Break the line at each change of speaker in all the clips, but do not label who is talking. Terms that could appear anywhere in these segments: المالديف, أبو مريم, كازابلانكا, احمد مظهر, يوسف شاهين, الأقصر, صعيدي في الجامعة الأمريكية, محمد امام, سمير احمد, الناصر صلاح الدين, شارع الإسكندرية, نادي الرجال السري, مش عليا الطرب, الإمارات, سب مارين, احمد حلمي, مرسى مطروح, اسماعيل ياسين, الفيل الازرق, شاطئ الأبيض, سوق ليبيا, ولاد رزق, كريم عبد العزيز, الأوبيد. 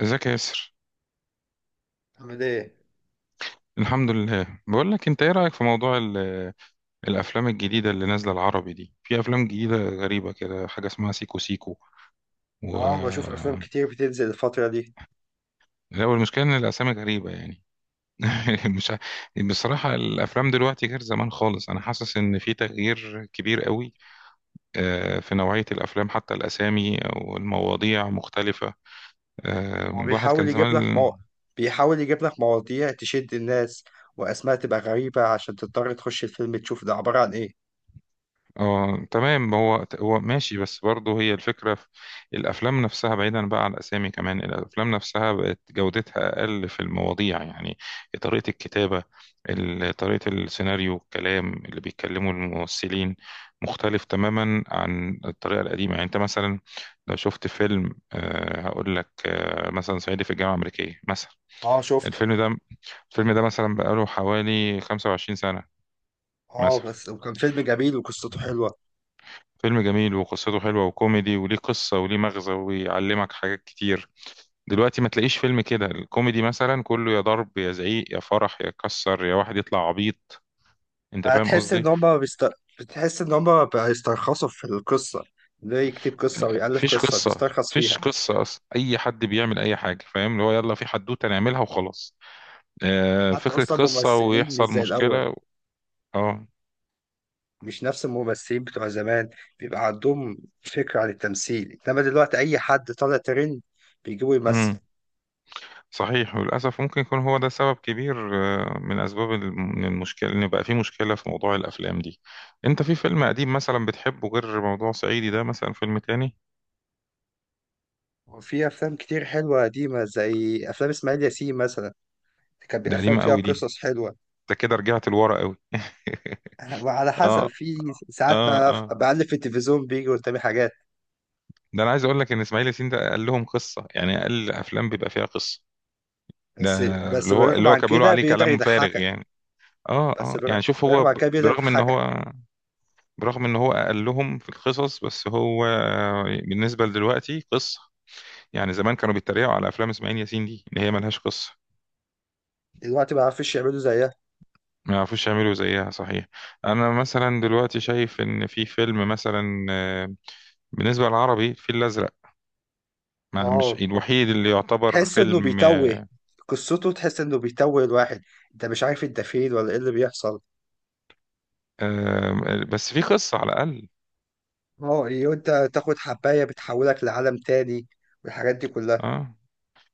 ازيك يا ياسر؟
عامل ايه؟
الحمد لله. بقول لك، انت ايه رايك في موضوع الافلام الجديده اللي نازله العربي دي؟ في افلام جديده غريبه كده، حاجه اسمها سيكو سيكو و
اه، بشوف افلام كتير بتنزل الفترة دي.
لا، والمشكله ان الاسامي غريبه يعني. مش ع- بصراحه الافلام دلوقتي غير زمان خالص، انا حاسس ان في تغيير كبير قوي في نوعيه الافلام، حتى الاسامي او المواضيع مختلفه.
هو
الواحد
بيحاول
كان
يجيب لك
زمان.
بيحاول يجيب لك مواضيع تشد الناس، واسماء تبقى غريبة عشان تضطر تخش الفيلم تشوف ده عبارة عن ايه.
اه، تمام، هو ماشي، بس برضه هي الفكرة في الأفلام نفسها، بعيدا بقى عن الأسامي. كمان الأفلام نفسها بقت جودتها أقل، في المواضيع يعني، طريقة الكتابة، طريقة السيناريو، الكلام اللي بيتكلموا الممثلين مختلف تماما عن الطريقة القديمة. يعني أنت مثلا لو شفت فيلم هقول لك مثلا صعيدي في الجامعة الأمريكية مثلا.
اه شفته.
الفيلم ده الفيلم ده مثلا بقاله حوالي 25 سنة.
اه
مثلا
بس وكان فيلم جميل وقصته حلوة.
فيلم جميل وقصته حلوة وكوميدي وليه قصة وليه مغزى ويعلمك حاجات كتير. دلوقتي ما تلاقيش فيلم كده. الكوميدي مثلا كله يا ضرب يا زعيق يا فرح يا كسر يا واحد يطلع عبيط، انت فاهم
هتحس ان
قصدي؟
هما بيست... بتحس ان هما بيسترخصوا في القصة، ده يكتب قصة ويألف
فيش
قصة
قصة،
بيسترخص
فيش
فيها.
قصة أصلا. أي حد بيعمل أي حاجة، فاهم اللي هو يلا في حدوتة نعملها وخلاص.
حتى
فكرة
اصلا
قصة
ممثلين مش
ويحصل
زي الاول،
مشكلة.
مش نفس الممثلين بتوع زمان. بيبقى عندهم فكرة عن التمثيل، إنما دلوقتي أي حد طالع ترند بيجيبه يمثل.
اه، صحيح. وللأسف ممكن يكون هو ده سبب كبير من أسباب من المشكلة إن بقى في مشكلة في موضوع الأفلام دي. أنت في فيلم قديم مثلا بتحبه غير موضوع صعيدي ده؟ مثلا فيلم تاني.
وفي أفلام كتير حلوة قديمة زي أفلام إسماعيل ياسين مثلا.
ده
أفلام
قديمة
فيها
قوي دي،
قصص حلوة.
ده كده رجعت لورا قوي.
وعلى حسب
اه،
في ساعات
اه،
بقى
اه.
بقلب في التلفزيون بيجي قدامي حاجات.
ده انا عايز اقول لك ان اسماعيل ياسين ده قال لهم قصه، يعني اقل افلام بيبقى فيها قصه ده،
بس
اللي هو
بالرغم
اللي هو
عن
كان بيقولوا
كده
عليه
بيقدر
كلام فارغ
يضحكك.
يعني. اه،
بس
اه، يعني
بالر-
شوف هو
بالرغم عن كده بيقدر
برغم ان
يضحكك.
هو برغم ان هو اقلهم في القصص، بس هو بالنسبه لدلوقتي قصه. يعني زمان كانوا بيتريقوا على افلام اسماعيل ياسين دي ان هي ملهاش قصه.
دلوقتي ما عرفش يعملوا زيها.
ما يعرفوش يعملوا زيها، صحيح. انا مثلا دلوقتي شايف ان في فيلم مثلا بالنسبه للعربي الفيل الازرق. ما مش
اه
الوحيد اللي يعتبر
تحس انه
فيلم
بيتوه، قصته تحس انه بيتوه الواحد، انت مش عارف انت فين ولا ايه اللي بيحصل.
بس فيه قصه على الاقل.
اه إيه وانت تاخد حباية بتحولك لعالم تاني والحاجات دي كلها.
اه،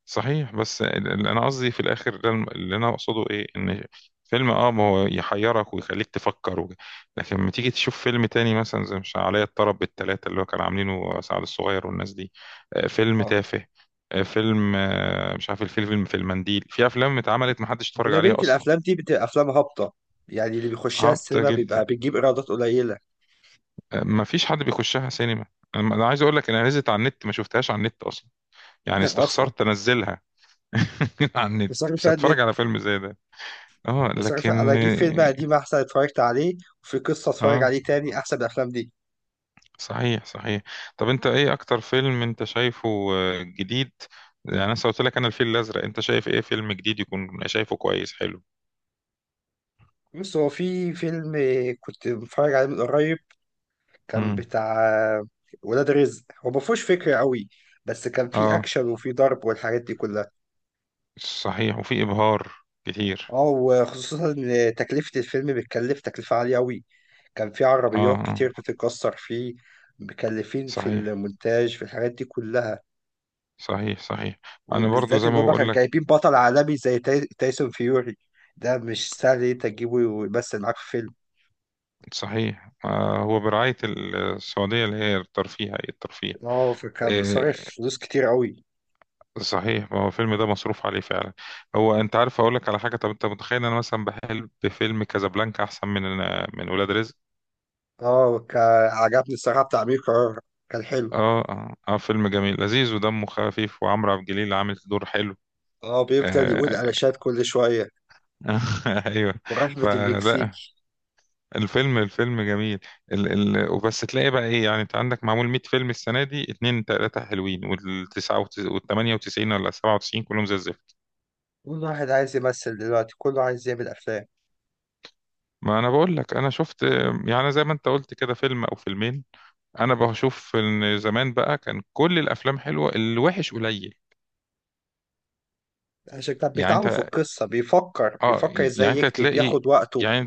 صحيح. بس انا قصدي في الاخر ده، اللي انا اقصده ايه ان فيلم اه ما هو يحيرك ويخليك تفكر لكن لما تيجي تشوف فيلم تاني، مثلا زي مش عليا الطرب بالثلاثه اللي هو كان عاملينه سعد الصغير والناس دي، فيلم
اه
تافه. فيلم مش عارف، الفيلم في المنديل، في افلام اتعملت ما حدش اتفرج
أغلبية
عليها اصلا.
الأفلام دي بتبقى أفلام هابطة، يعني اللي بيخشها
هابطه
السينما
جدا،
بيبقى بتجيب إيرادات قليلة.
ما فيش حد بيخشها سينما. أنا عايز اقول لك، انا نزلت على النت ما شفتهاش على النت اصلا. يعني
أصلا
استخسرت انزلها. على النت
بصرف
مش
على النت،
هتفرج على فيلم زي ده. اه،
بصرف أنا
لكن
أجيب فيلم قديم أحسن اتفرجت عليه وفي قصة اتفرج
اه،
عليه تاني أحسن من الأفلام دي.
صحيح، صحيح. طب انت ايه اكتر فيلم انت شايفه جديد؟ يعني انا قلت لك انا الفيل الازرق، انت شايف ايه فيلم جديد يكون شايفه كويس حلو؟
بص هو في فيلم كنت بتفرج عليه من قريب، كان
امم.
بتاع ولاد رزق. هو ما فيهوش فكرة قوي بس كان فيه
اه،
أكشن وفيه ضرب والحاجات دي كلها.
صحيح، وفي ابهار كتير.
اه وخصوصا إن تكلفة الفيلم بتكلف تكلفة عالية قوي، كان فيه
اه،
عربيات كتير بتتكسر فيه، مكلفين في
صحيح،
المونتاج في الحاجات دي كلها.
صحيح، صحيح. انا برضو
وبالذات
زي
إن
ما
هما
بقول
كانوا
لك،
جايبين بطل عالمي زي تايسون فيوري، ده مش سهل إن أنت تجيبه ويمثل معاك في فيلم.
صحيح. هو برعاية السعودية اللي هي الترفيه، هيئة الترفيه.
اه فكان صارف
آه،
فلوس كتير قوي.
صحيح. ما هو الفيلم ده مصروف عليه فعلا. هو انت عارف اقول لك على حاجه؟ طب انت متخيل إن انا مثلا بحل بفيلم كازابلانكا احسن من ولاد رزق؟
اه كان عجبني الصراحة بتاع أمير قرار، كان حلو.
اه، اه، فيلم جميل لذيذ ودمه خفيف، وعمرو عبد الجليل عامل دور حلو.
اه بيفضل يقول
آه.
علاشات كل شوية.
ايوه.
ورحمة
فلا،
المكسيكي.
الفيلم جميل. ال ال وبس تلاقي بقى ايه؟ يعني انت عندك معمول 100 فيلم السنه دي، اتنين تلاته حلوين، والتسعه وال 98 ولا 97 كلهم زي الزفت.
كل واحد عايز يمثل دلوقتي، كله عايز يعمل أفلام.
ما انا بقول لك انا شفت يعني زي ما انت قلت كده فيلم او فيلمين. انا بشوف ان زمان بقى كان كل الافلام حلوه، الوحش قليل.
عشان كده
يعني
بيتعبوا في
انت
القصة، بيفكر
اه،
بيفكر
يعني
ازاي
انت
يكتب
هتلاقي
ياخد وقته.
يعني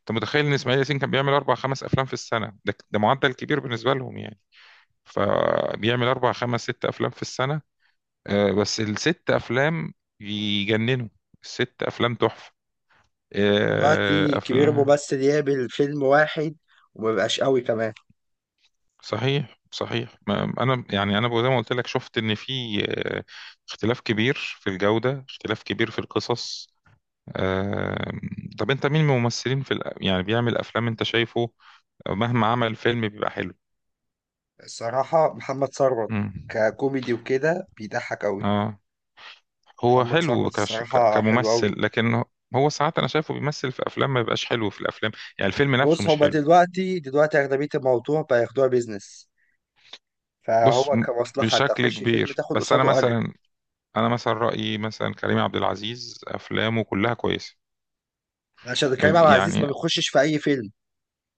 انت متخيل ان اسماعيل ياسين كان بيعمل اربع خمس افلام في السنه؟ ده ده معدل كبير بالنسبه لهم يعني. فبيعمل اربع خمس ست افلام في السنه، بس الست افلام يجننوا. الست افلام تحفه.
دلوقتي كبير
افلام.
ممثل يعمل فيلم واحد، ومبقاش قوي كمان.
صحيح، صحيح. ما انا يعني انا زي ما قلت لك شفت ان في آه، اختلاف كبير في الجوده، اختلاف كبير في القصص. آم، طب انت مين من الممثلين في يعني بيعمل افلام انت شايفه مهما عمل فيلم بيبقى حلو؟
الصراحة محمد ثروت،
مم.
ككوميدي وكده بيضحك قوي.
اه، هو
محمد
حلو
ثروت الصراحة حلو
كممثل،
قوي.
لكن هو ساعات انا شايفه بيمثل في افلام ما بيبقاش حلو في الافلام، يعني الفيلم نفسه
بص
مش
هما
حلو.
دلوقتي أغلبية الموضوع بياخدوها بيزنس،
بص
فهو
م-
كمصلحة
بشكل
تخش فيلم
كبير.
تاخد
بس انا
قصاده أجر.
مثلا، انا مثلا رايي مثلا كريم عبد العزيز افلامه كلها كويسه.
عشان
ما
كريم عبد
بي-
العزيز ما
يعني
بيخشش في اي فيلم،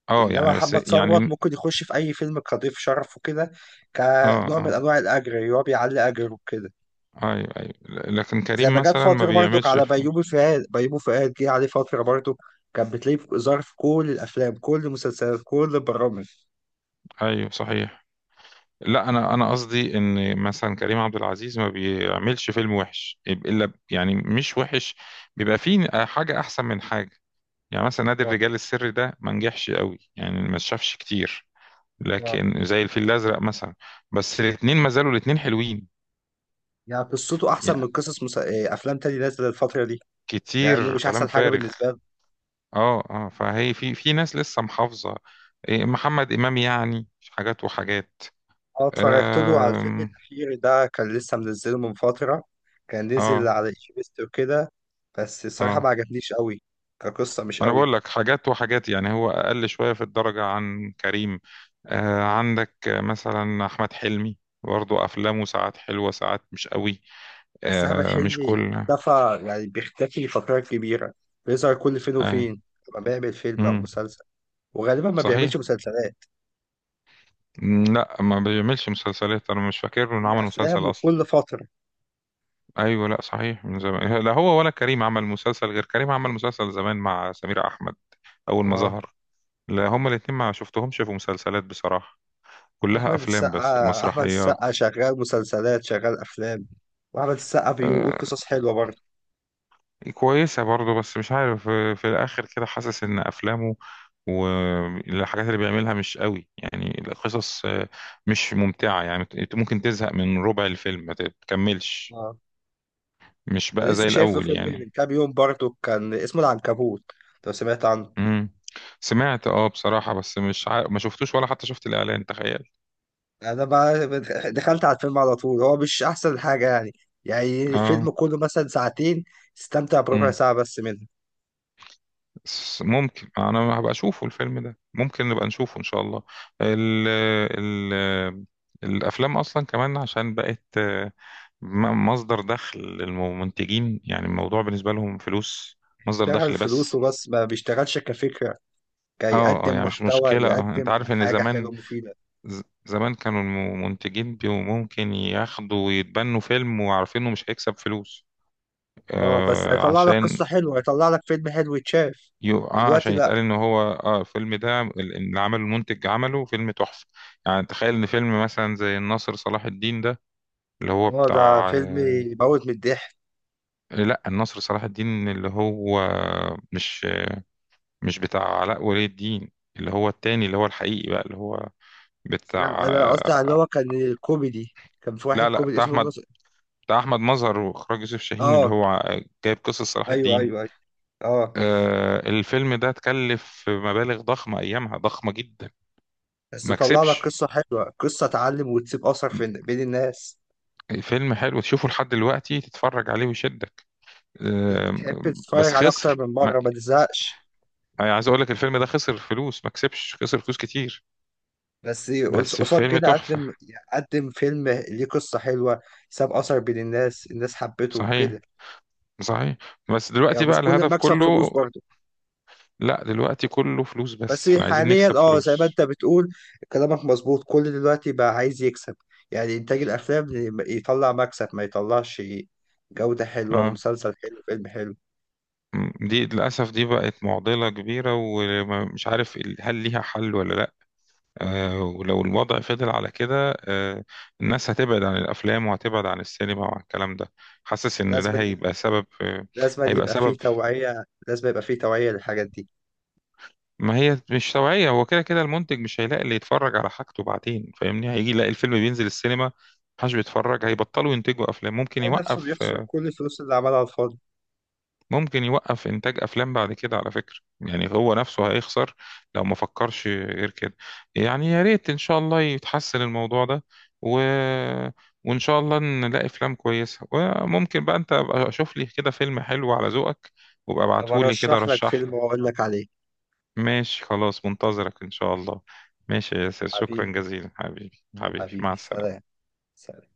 اه
انما
يعني بس
محمد ثروت
يعني
ممكن يخش في اي فيلم كضيف شرف وكده،
اه،
كنوع من
اه،
انواع الاجر اللي هو بيعلي اجره كده.
ايوه، ايوه. لكن
زي
كريم
ما جت
مثلا ما
فتره برضك
بيعملش
على بيومي فؤاد، بيومي فؤاد جه عليه فتره برضك، كان بتلاقيه ظهر في كل الافلام كل المسلسلات كل البرامج.
ايوه، صحيح. لا، انا انا قصدي ان مثلا كريم عبد العزيز ما بيعملش فيلم وحش، الا يعني مش وحش، بيبقى فيه حاجه احسن من حاجه. يعني مثلا نادي
اه
الرجال السري ده ما نجحش قوي، يعني ما شافش كتير.
اه
لكن زي الفيل الازرق مثلا. بس الاثنين ما زالوا الاثنين حلوين
يعني قصته احسن من
يعني،
قصص مس... آه، افلام تاني نازله الفتره دي، مع انه
كتير
مش
كلام
احسن حاجه
فارغ.
بالنسبه.
اه، اه، فهي في في ناس لسه محافظه. محمد امام يعني، حاجات وحاجات.
اه اتفرجت له على الفيلم
آم،
الأخير ده، كان لسه منزله من فترة، كان نزل
اه،
على إيجيبست وكده، بس الصراحة
اه.
ما عجبنيش قوي، كقصة مش
انا
قوي.
بقول لك حاجات وحاجات، يعني هو اقل شويه في الدرجه عن كريم. عندك مثلا احمد حلمي، برضه افلامه ساعات حلوه ساعات مش قوي،
بس أحمد
مش
حلمي
كل.
اختفى، يعني بيختفي فترات كبيرة، بيظهر كل فين
آه.
وفين لما بيعمل فيلم أو
مم.
مسلسل. وغالبا ما بيعملش
صحيح.
مسلسلات،
لا، ما بيعملش مسلسلات. انا مش فاكر
هي
انه عمل
أفلام
مسلسل اصلا.
وكل فترة.
ايوه، لا صحيح من زمان، لا هو ولا كريم عمل مسلسل، غير كريم عمل مسلسل زمان مع سمير احمد، اول ما
اه
ظهر. لا، هما الاتنين ما شفتهمش في مسلسلات بصراحه، كلها
أحمد
افلام بس
السقا، أحمد
ومسرحيات.
السقا شغال مسلسلات شغال أفلام، وأحمد السقا بيقول
آه،
قصص حلوة برضه.
كويسة برضه، بس مش عارف في الآخر كده حاسس إن أفلامه والحاجات اللي بيعملها مش قوي يعني. القصص مش ممتعة، يعني ممكن تزهق من ربع الفيلم ما تكملش.
اه
مش
انا
بقى
لسه
زي
شايف له
الأول
فيلم من
يعني.
كام يوم برضه، كان اسمه العنكبوت، لو سمعت عنه.
مم. سمعت، اه، بصراحة بس مش عارف، ما شفتوش ولا حتى شفت الإعلان، تخيل.
انا بقى دخلت على الفيلم على طول، هو مش احسن حاجه يعني، يعني
اه.
الفيلم كله مثلا ساعتين، استمتع بربع
مم.
ساعه بس منه.
بس ممكن انا هبقى اشوفه الفيلم ده، ممكن نبقى نشوفه ان شاء الله. ال ال الافلام اصلا كمان عشان بقت مصدر دخل للمنتجين، يعني الموضوع بالنسبه لهم فلوس، مصدر
اشتغل
دخل
فلوس
بس.
وبس، ما بيشتغلش كفكره،
اه، اه،
كيقدم
يعني مش
محتوى
مشكله انت
يقدم
عارف ان
حاجه
زمان،
حلوه مفيده.
زمان كانوا المنتجين بيبقوا ممكن ياخدوا ويتبنوا فيلم وعارفين انه مش هيكسب فلوس،
اه بس هيطلع لك
عشان
قصه حلوه، هيطلع لك فيلم حلو يتشاف.
يو اه
دلوقتي
عشان
لا.
يتقال ان هو اه الفيلم ده اللي عمله المنتج عمله فيلم تحفة. يعني تخيل ان فيلم مثلا زي الناصر صلاح الدين ده اللي هو
اه ده
بتاع
فيلم
آه
يموت من الضحك.
لا، الناصر صلاح الدين اللي هو مش مش بتاع علاء ولي الدين، اللي هو التاني اللي هو الحقيقي بقى، اللي هو
لا،
بتاع
انا قصدي على اللي
آه
هو كان كوميدي، كان في واحد
لا، لا،
كوميدي
بتاع
اسمه
احمد
الناصر.
بتاع احمد مظهر، واخراج يوسف شاهين، اللي
اه
هو جايب قصة صلاح
ايوه
الدين.
ايوه ايوه. اه
الفيلم ده اتكلف مبالغ ضخمة ايامها، ضخمة جدا.
بس
ما
تطلع لك
كسبش.
قصه حلوه، قصه تعلم وتسيب اثر في بين الناس،
فيلم حلو تشوفه لحد دلوقتي، تتفرج عليه ويشدك.
تحب
أم، بس
تتفرج على اكتر
خسر،
من
ما
مره ما تزهقش.
يعني عايز اقول لك الفيلم ده خسر فلوس، ما كسبش، خسر فلوس كتير،
بس
بس
قصاد
فيلم
كده
تحفة.
قدم فيلم ليه قصه حلوه، ساب اثر بين الناس، الناس حبته كده.
صحيح، صحيح. بس
يعني
دلوقتي بقى
مش كل
الهدف
المكسب فلوس
كله،
برضه.
لا دلوقتي كله فلوس
بس
بس، احنا عايزين
حاليا
نكسب
اه زي ما انت
فلوس.
بتقول، كلامك مظبوط، كل دلوقتي بقى عايز يكسب، يعني انتاج الافلام يطلع مكسب ما يطلعش، جوده حلوه
اه.
ومسلسل حلو فيلم حلو.
دي للأسف دي بقت معضلة كبيرة، ومش عارف هل ليها حل ولا لا. ولو الوضع فضل على كده الناس هتبعد عن الأفلام وهتبعد عن السينما وعن الكلام ده. حاسس إن
لازم
ده هيبقى سبب
لازم
هيبقى
يبقى فيه
سبب.
توعية، لازم يبقى فيه توعية للحاجات دي.
ما هي مش توعية، هو كده كده المنتج مش هيلاقي اللي يتفرج على حاجته بعدين، فاهمني؟ هيجي يلاقي الفيلم بينزل السينما محدش بيتفرج، هيبطلوا ينتجوا أفلام، ممكن
تلاقي نفسه
يوقف.
بيخسر كل الفلوس اللي عملها على الفاضي.
ممكن يوقف إنتاج أفلام بعد كده على فكرة، يعني هو نفسه هيخسر لو ما فكرش غير كده. يعني يا ريت إن شاء الله يتحسن الموضوع ده، و... وإن شاء الله نلاقي أفلام كويسة. وممكن بقى أنت أبقى أشوف لي كده فيلم حلو على ذوقك، وابقى
طب
ابعتهولي، كده
أرشح لك
رشح
فيلم
لي.
وأقول لك عليه.
ماشي، خلاص منتظرك إن شاء الله. ماشي يا ياسر، شكرا
حبيبي،
جزيلا حبيبي، حبيبي، مع
حبيبي سلام.
السلامة.
سلام.